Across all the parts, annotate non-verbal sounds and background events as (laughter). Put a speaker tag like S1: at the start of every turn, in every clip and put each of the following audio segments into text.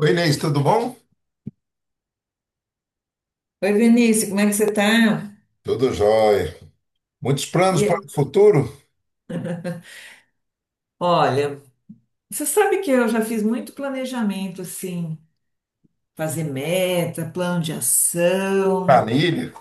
S1: Oi, Inês, tudo bom?
S2: Oi, Vinícius, como é que você tá?
S1: Tudo jóia. Muitos planos para
S2: E,
S1: o futuro?
S2: olha, você sabe que eu já fiz muito planejamento, assim, fazer meta, plano de ação,
S1: Planilha?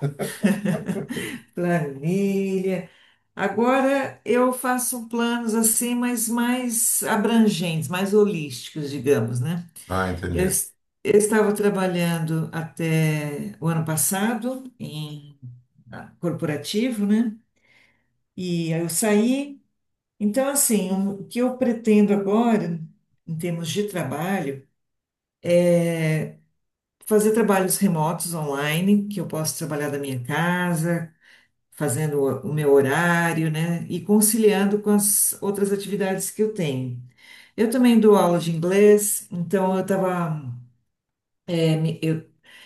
S2: planilha. Agora eu faço planos assim, mas mais abrangentes, mais holísticos, digamos, né?
S1: Ah,
S2: Eu,
S1: entendi.
S2: es- eu estava trabalhando até o ano passado em corporativo, né? E aí eu saí. Então, assim, o que eu pretendo agora, em termos de trabalho, fazer trabalhos remotos online, que eu posso trabalhar da minha casa, fazendo o meu horário, né? E conciliando com as outras atividades que eu tenho. Eu também dou aula de inglês, então eu estava eu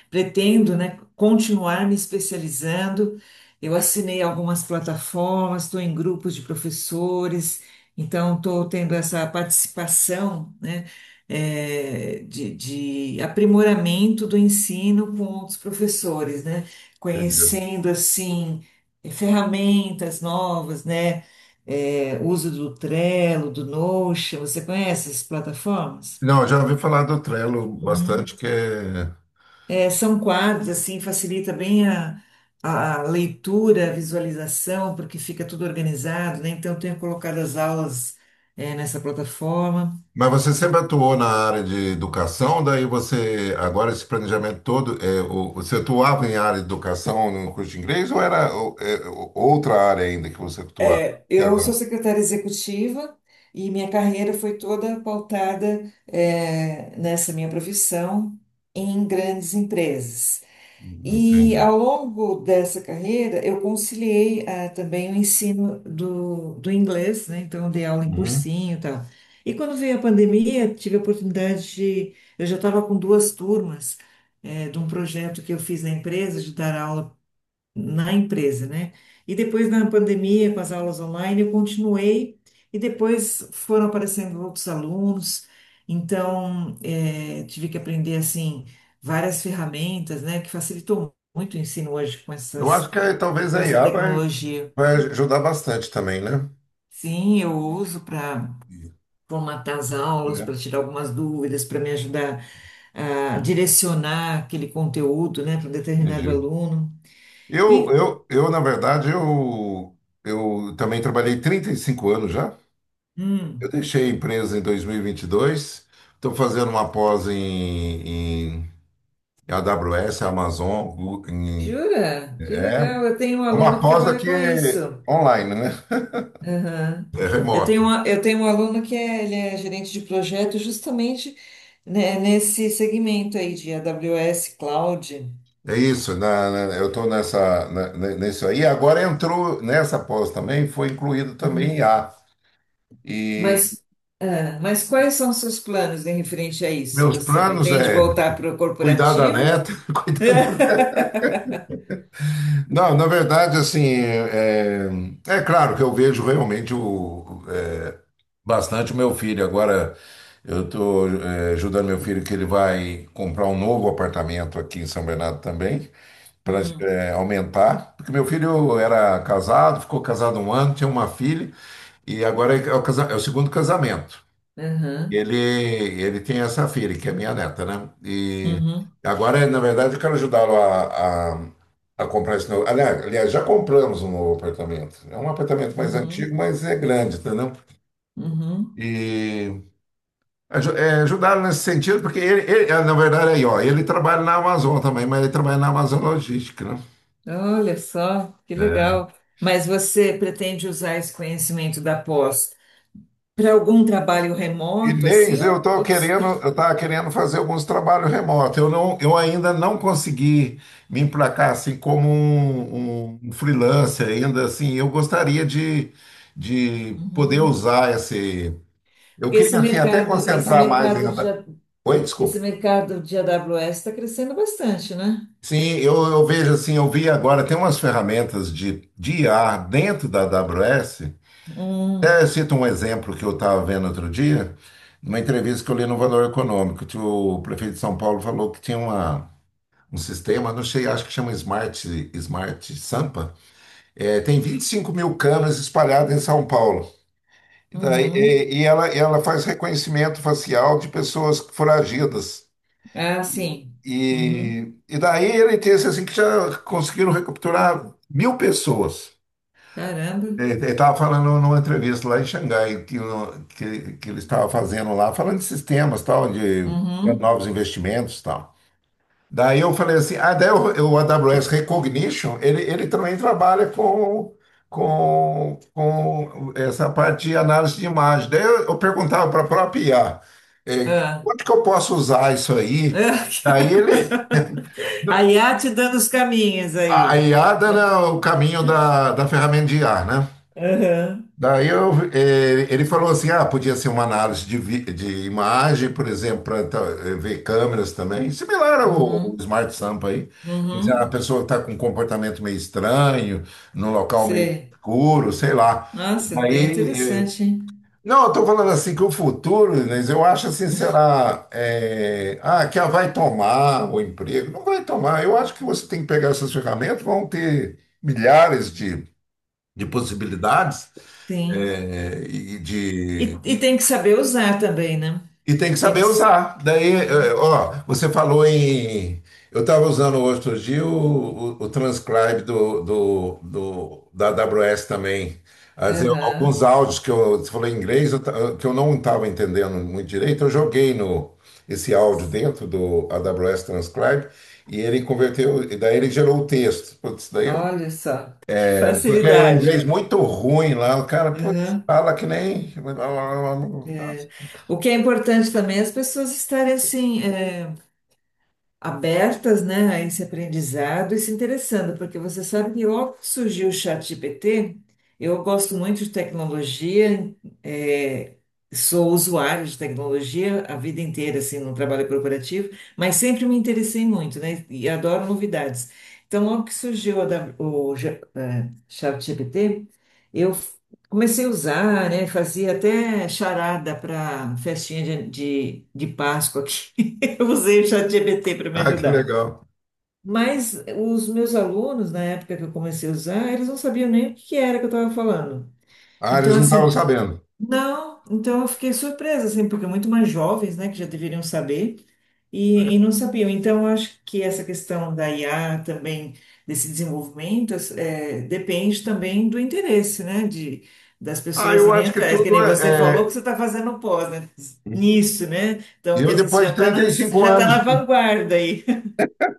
S2: pretendo, né, continuar me especializando. Eu assinei algumas plataformas, estou em grupos de professores, então estou tendo essa participação, né, de aprimoramento do ensino com outros professores, né,
S1: Entendi.
S2: conhecendo assim ferramentas novas, né, uso do Trello, do Notion. Você conhece essas plataformas?
S1: Não, eu já ouvi falar do Trello bastante, que é.
S2: É, são quadros, assim, facilita bem a leitura, a visualização, porque fica tudo organizado, né? Então, eu tenho colocado as aulas, é, nessa plataforma.
S1: Mas você sempre atuou na área de educação, daí você, agora esse planejamento todo, você atuava em área de educação no curso de inglês ou era outra área ainda que você atuava?
S2: É, eu sou
S1: Aquela-
S2: secretária executiva e minha carreira foi toda pautada, é, nessa minha profissão em grandes empresas. E
S1: Entendi.
S2: ao longo dessa carreira, eu conciliei também o ensino do inglês, né? Então, eu dei aula em
S1: Uhum.
S2: cursinho e tal. E quando veio a pandemia, tive a oportunidade de. Eu já estava com duas turmas de um projeto que eu fiz na empresa, de dar aula na empresa, né? E depois na pandemia, com as aulas online, eu continuei e depois foram aparecendo outros alunos, então tive que aprender assim várias ferramentas, né, que facilitou muito o ensino hoje com
S1: Eu acho talvez
S2: com
S1: a
S2: essa
S1: IA
S2: tecnologia.
S1: vai ajudar bastante também, né?
S2: Sim, eu uso para formatar as aulas,
S1: É,
S2: para tirar algumas dúvidas, para me ajudar a direcionar aquele conteúdo, né, para um determinado
S1: Entendi.
S2: aluno.
S1: Eu,
S2: E,
S1: eu, eu, na verdade, eu também trabalhei 35 anos já. Eu
S2: hum,
S1: deixei a empresa em dois mil e vinte e dois. Estou fazendo uma pós em a AWS, Amazon.
S2: Jura? Que
S1: É
S2: legal. Eu tenho um
S1: é uma
S2: aluno que
S1: pós
S2: trabalha
S1: aqui
S2: com isso.
S1: online, né?
S2: Aham.
S1: É
S2: Eu
S1: remoto.
S2: tenho eu tenho um aluno que é, ele é gerente de projeto justamente, né, nesse segmento aí de AWS Cloud.
S1: É isso. Eu estou nessa, nisso aí. Agora entrou nessa pós também, foi incluído também
S2: Uhum.
S1: I a. E
S2: Mas, mas quais são os seus planos em referente a isso?
S1: meus
S2: Você
S1: planos
S2: pretende
S1: é
S2: voltar para o
S1: cuidar da neta,
S2: corporativo?
S1: (laughs) cuidar
S2: (laughs)
S1: Não, na verdade, é claro que eu vejo realmente bastante o meu filho. Agora eu estou ajudando meu filho que ele vai comprar um novo apartamento aqui em São Bernardo também, para
S2: Hum.
S1: aumentar. Porque meu filho era casado, ficou casado um ano, tinha uma filha, e agora é é o segundo casamento.
S2: Aham.
S1: Ele tem essa filha, que é minha neta, né? E
S2: Uhum.
S1: agora, na verdade, eu quero ajudá-lo a comprar esse novo. Aliás, já compramos um novo apartamento. É um apartamento mais antigo,
S2: Uhum.
S1: mas é grande, entendeu?
S2: Uhum.
S1: E ajudá-lo nesse sentido, porque ah, na verdade, aí, ó, ele trabalha na Amazon também, mas ele trabalha na Amazon Logística, né?
S2: Olha só, que
S1: É.
S2: legal. Mas você pretende usar esse conhecimento da pós para algum trabalho remoto,
S1: Inês,
S2: assim? Ou- ou-
S1: eu estava querendo fazer alguns trabalhos remotos. Eu ainda não consegui me emplacar assim como um freelancer ainda assim. Eu gostaria de poder
S2: Uhum.
S1: usar esse. Eu
S2: Porque
S1: queria assim até
S2: esse
S1: concentrar mais
S2: mercado de,
S1: ainda.
S2: A-
S1: Oi,
S2: esse
S1: desculpe.
S2: mercado de AWS está crescendo bastante, né?
S1: Sim, eu vejo assim, eu vi agora tem umas ferramentas de IA dentro da AWS.
S2: Hum,
S1: Até cito um exemplo que eu estava vendo outro dia, numa entrevista que eu li no Valor Econômico, que o prefeito de São Paulo falou que tinha um sistema, não sei, acho que chama Smart Sampa, é, tem 25 mil câmeras espalhadas em São Paulo. E daí,
S2: uhum.
S1: e ela faz reconhecimento facial de pessoas foragidas.
S2: Ah, sim. Uhum.
S1: E daí ele disse assim que já conseguiram recapturar 1.000 pessoas.
S2: Caramba.
S1: Ele estava falando numa entrevista lá em Xangai, que, no- que ele estava fazendo lá, falando de sistemas, tal, de
S2: Uhum.
S1: novos investimentos, tal. Daí eu falei assim, ah, daí o AWS Recognition, ele também trabalha com essa parte de análise de imagem. Daí eu perguntava para a própria IA, eh,
S2: Ah.
S1: onde que eu posso usar isso aí? Daí
S2: (laughs)
S1: ele,
S2: A IA te dando os caminhos
S1: a I a
S2: aí.
S1: IA era o caminho da, da ferramenta de IA, né?
S2: Aham.
S1: Daí ele falou assim, ah, podia ser uma análise de imagem, por exemplo, para ver câmeras também, similar ao, ao
S2: Uhum.
S1: Smart Sampa aí. Quer dizer, a
S2: Uhum.
S1: pessoa está com um comportamento meio estranho, num local meio
S2: Sei.
S1: escuro, sei lá.
S2: Nossa, bem
S1: Daí, eh,
S2: interessante, hein?
S1: não, eu estou falando assim que o futuro, Inês, eu acho assim, que a vai tomar o emprego. Não vai tomar, eu acho que você tem que pegar essas ferramentas, vão ter milhares de possibilidades.
S2: Sim.
S1: É, e, de,
S2: E
S1: e,
S2: tem que saber usar também, né?
S1: e tem que
S2: Tem que.
S1: saber
S2: s-
S1: usar.
S2: Uhum.
S1: Ó, você falou em. Eu estava usando outro dia o transcribe da AWS também. Alguns
S2: Aham.
S1: áudios você falou em inglês, que eu não estava entendendo muito direito, eu joguei no, esse áudio dentro do AWS Transcribe e ele converteu, e daí ele gerou o texto. Putz, daí eu
S2: Olha só, que
S1: porque é um inglês
S2: facilidade.
S1: muito ruim lá, o cara, putz,
S2: Aham.
S1: fala que nem. (laughs)
S2: É. O que é importante também é as pessoas estarem assim. Abertas, né, a esse aprendizado e se interessando, porque você sabe que logo que surgiu o ChatGPT, eu gosto muito de tecnologia, é, sou usuário de tecnologia a vida inteira, assim, no trabalho corporativo, mas sempre me interessei muito, né, e adoro novidades. Então, logo que surgiu a da- o, G- é, ChatGPT, eu f- comecei a usar, né, fazia até charada para festinha de Páscoa aqui eu usei o ChatGPT para me
S1: Ah, que
S2: ajudar.
S1: legal.
S2: Mas os meus alunos, na época que eu comecei a usar, eles não sabiam nem o que era que eu estava falando.
S1: Ah, eles
S2: Então,
S1: não estavam
S2: assim,
S1: sabendo.
S2: não, então eu fiquei surpresa, assim, porque muito mais jovens, né, que já deveriam saber e não sabiam. Então, eu acho que essa questão da IA também, desse desenvolvimento, depende também do interesse, né, de, das
S1: Ah,
S2: pessoas
S1: eu
S2: irem
S1: acho que
S2: atrás. Que
S1: tudo
S2: nem você
S1: é.
S2: falou que
S1: é-
S2: você está fazendo pós, né, nisso, né? Então, quer
S1: Eu,
S2: dizer, você
S1: depois
S2: já
S1: de
S2: está
S1: trinta e
S2: você
S1: cinco
S2: já tá na
S1: anos
S2: vanguarda aí.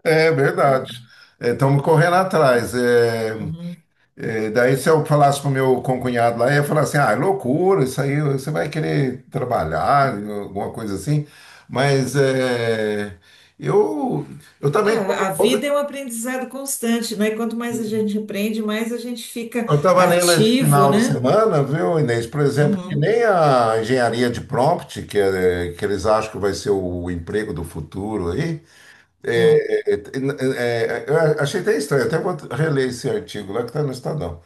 S1: É verdade. Estamos correndo atrás.
S2: Uhum.
S1: Daí, se eu falasse para o meu concunhado lá, ele ia falar assim: ah, é loucura, isso aí você vai querer trabalhar, alguma coisa assim. Mas é, eu, eu
S2: É,
S1: também tô,
S2: a vida é um aprendizado constante, né? E quanto mais a
S1: eu
S2: gente aprende, mais a gente fica
S1: estava lendo esse
S2: ativo,
S1: final de
S2: né?
S1: semana, viu, Inês? Por exemplo, que
S2: Uhum.
S1: nem a engenharia de prompt, que eles acham que vai ser o emprego do futuro aí.
S2: Hum,
S1: Eu achei até estranho, até vou reler esse artigo lá que está no Estadão.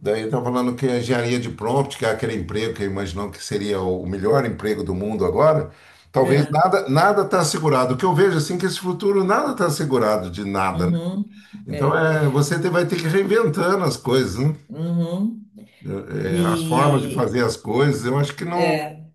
S1: Daí está falando que a engenharia de prompt, que é aquele emprego que imaginou que seria o melhor emprego do mundo agora, talvez
S2: é,
S1: nada está assegurado. O que eu vejo assim é que esse futuro nada está assegurado de nada, né?
S2: uhum,
S1: Então
S2: é,
S1: é, vai ter que ir reinventando as coisas, né?
S2: uhum,
S1: É, as formas de
S2: e,
S1: fazer as coisas. Eu acho que não.
S2: é,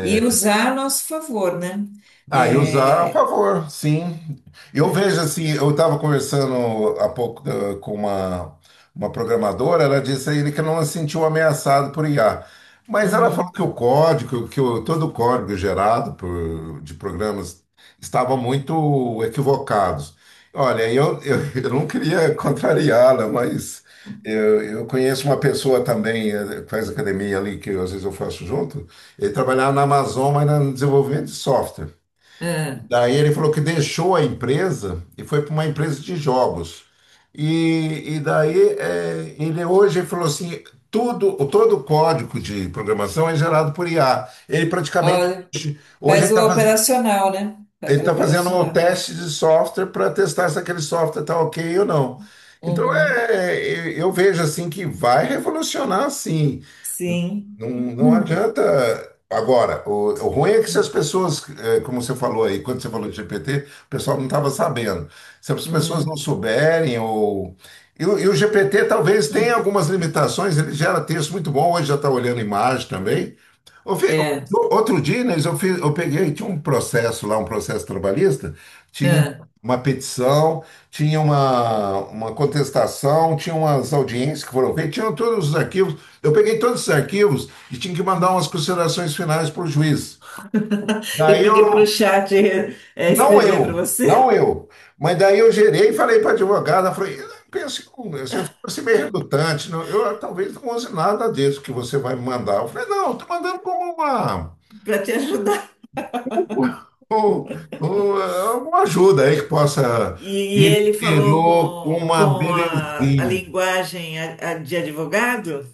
S2: e usar a nosso favor, né?
S1: Ah, e usar a
S2: É,
S1: favor, sim. Eu vejo assim, eu estava conversando há pouco uma programadora, ela disse a ele que não se sentiu ameaçado por IA. Mas ela falou
S2: uhum,
S1: que o código, todo o código gerado de programas estava muito equivocado. Olha, (laughs) eu não queria contrariá-la, mas eu conheço uma pessoa também, eh, que faz academia ali, que às vezes eu faço junto, ele trabalhava na Amazon, mas no desenvolvimento de software.
S2: é.
S1: Daí ele falou que deixou a empresa e foi para uma empresa de jogos. Ele hoje falou assim, todo o código de programação é gerado por IA. Ele praticamente
S2: Olha,
S1: hoje ele
S2: faz o
S1: está fazendo,
S2: operacional, né? Faz
S1: ele
S2: o
S1: tá fazendo um
S2: operacional.
S1: teste de software para testar se aquele software está ok ou não. Então
S2: Uhum,
S1: é, eu vejo assim que vai revolucionar sim.
S2: sim.
S1: Não, não
S2: Uhum,
S1: adianta. Agora, o ruim é que se as pessoas, eh, como você falou aí, quando você falou de GPT, o pessoal não estava sabendo. Se as pessoas
S2: uhum,
S1: não souberem, ou. E, o GPT talvez tenha algumas limitações, ele gera texto muito bom, hoje já está olhando imagem também. Eu fi- eu-
S2: é,
S1: outro dia, Inês, eu peguei, tinha um processo lá, um processo trabalhista, tinha
S2: é.
S1: uma petição, tinha uma contestação, tinha umas audiências que foram feitas, tinham todos os arquivos. Eu peguei todos os arquivos e tinha que mandar umas considerações finais para o juiz.
S2: E
S1: Daí eu,
S2: pediu para o chat
S1: não
S2: escrever para
S1: eu,
S2: você,
S1: não eu, mas daí eu gerei e falei para a advogada, falei, pense, um, você fosse meio redutante, talvez não use nada disso que você vai me mandar. Eu falei, não, estou mandando como uma,
S2: (laughs) para te ajudar.
S1: um- um- um, uma ajuda aí que possa
S2: E,
S1: me
S2: ele falou
S1: tirou uma
S2: com a
S1: belezinha.
S2: linguagem a de advogado?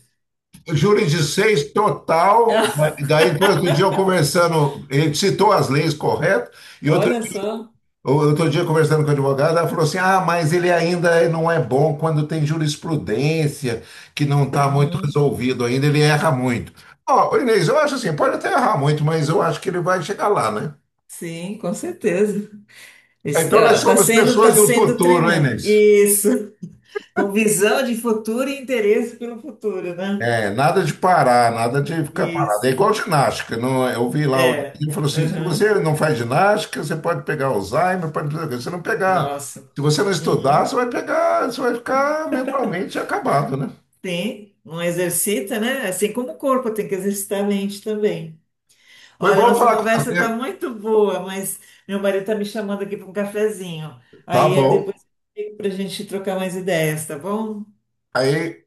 S1: Júri de 6 total, daí depois outro dia eu conversando, ele citou as leis corretas, e outro
S2: Olha só.
S1: Outro dia, conversando com a advogada, ela falou assim: ah, mas ele ainda não é bom quando tem jurisprudência, que não está muito
S2: Uhum.
S1: resolvido ainda, ele erra muito. Ó, Inês, eu acho assim: pode até errar muito, mas eu acho que ele vai chegar lá, né?
S2: Sim, com certeza.
S1: Então nós somos
S2: Tá
S1: pessoas do
S2: sendo
S1: futuro, hein,
S2: treinado.
S1: Inês?
S2: Isso. Com visão de futuro e interesse pelo futuro, né?
S1: É, nada de parar, nada de ficar parado. É
S2: Isso.
S1: igual ginástica. Não, é? Eu vi lá,
S2: É.
S1: ele falou assim: se você
S2: Uhum.
S1: não faz ginástica, você pode pegar Alzheimer, pode pegar. Se você não pegar,
S2: Nossa.
S1: se você não estudar,
S2: Uhum.
S1: você vai pegar, você vai ficar mentalmente acabado, né?
S2: Tem. Não exercita, né? Assim como o corpo tem que exercitar a mente também.
S1: Foi
S2: Olha,
S1: bom
S2: nossa
S1: falar com
S2: conversa tá
S1: você.
S2: muito boa, mas meu marido tá me chamando aqui para um cafezinho.
S1: Tá
S2: Aí é
S1: bom.
S2: depois para a gente trocar mais ideias, tá bom?
S1: Aí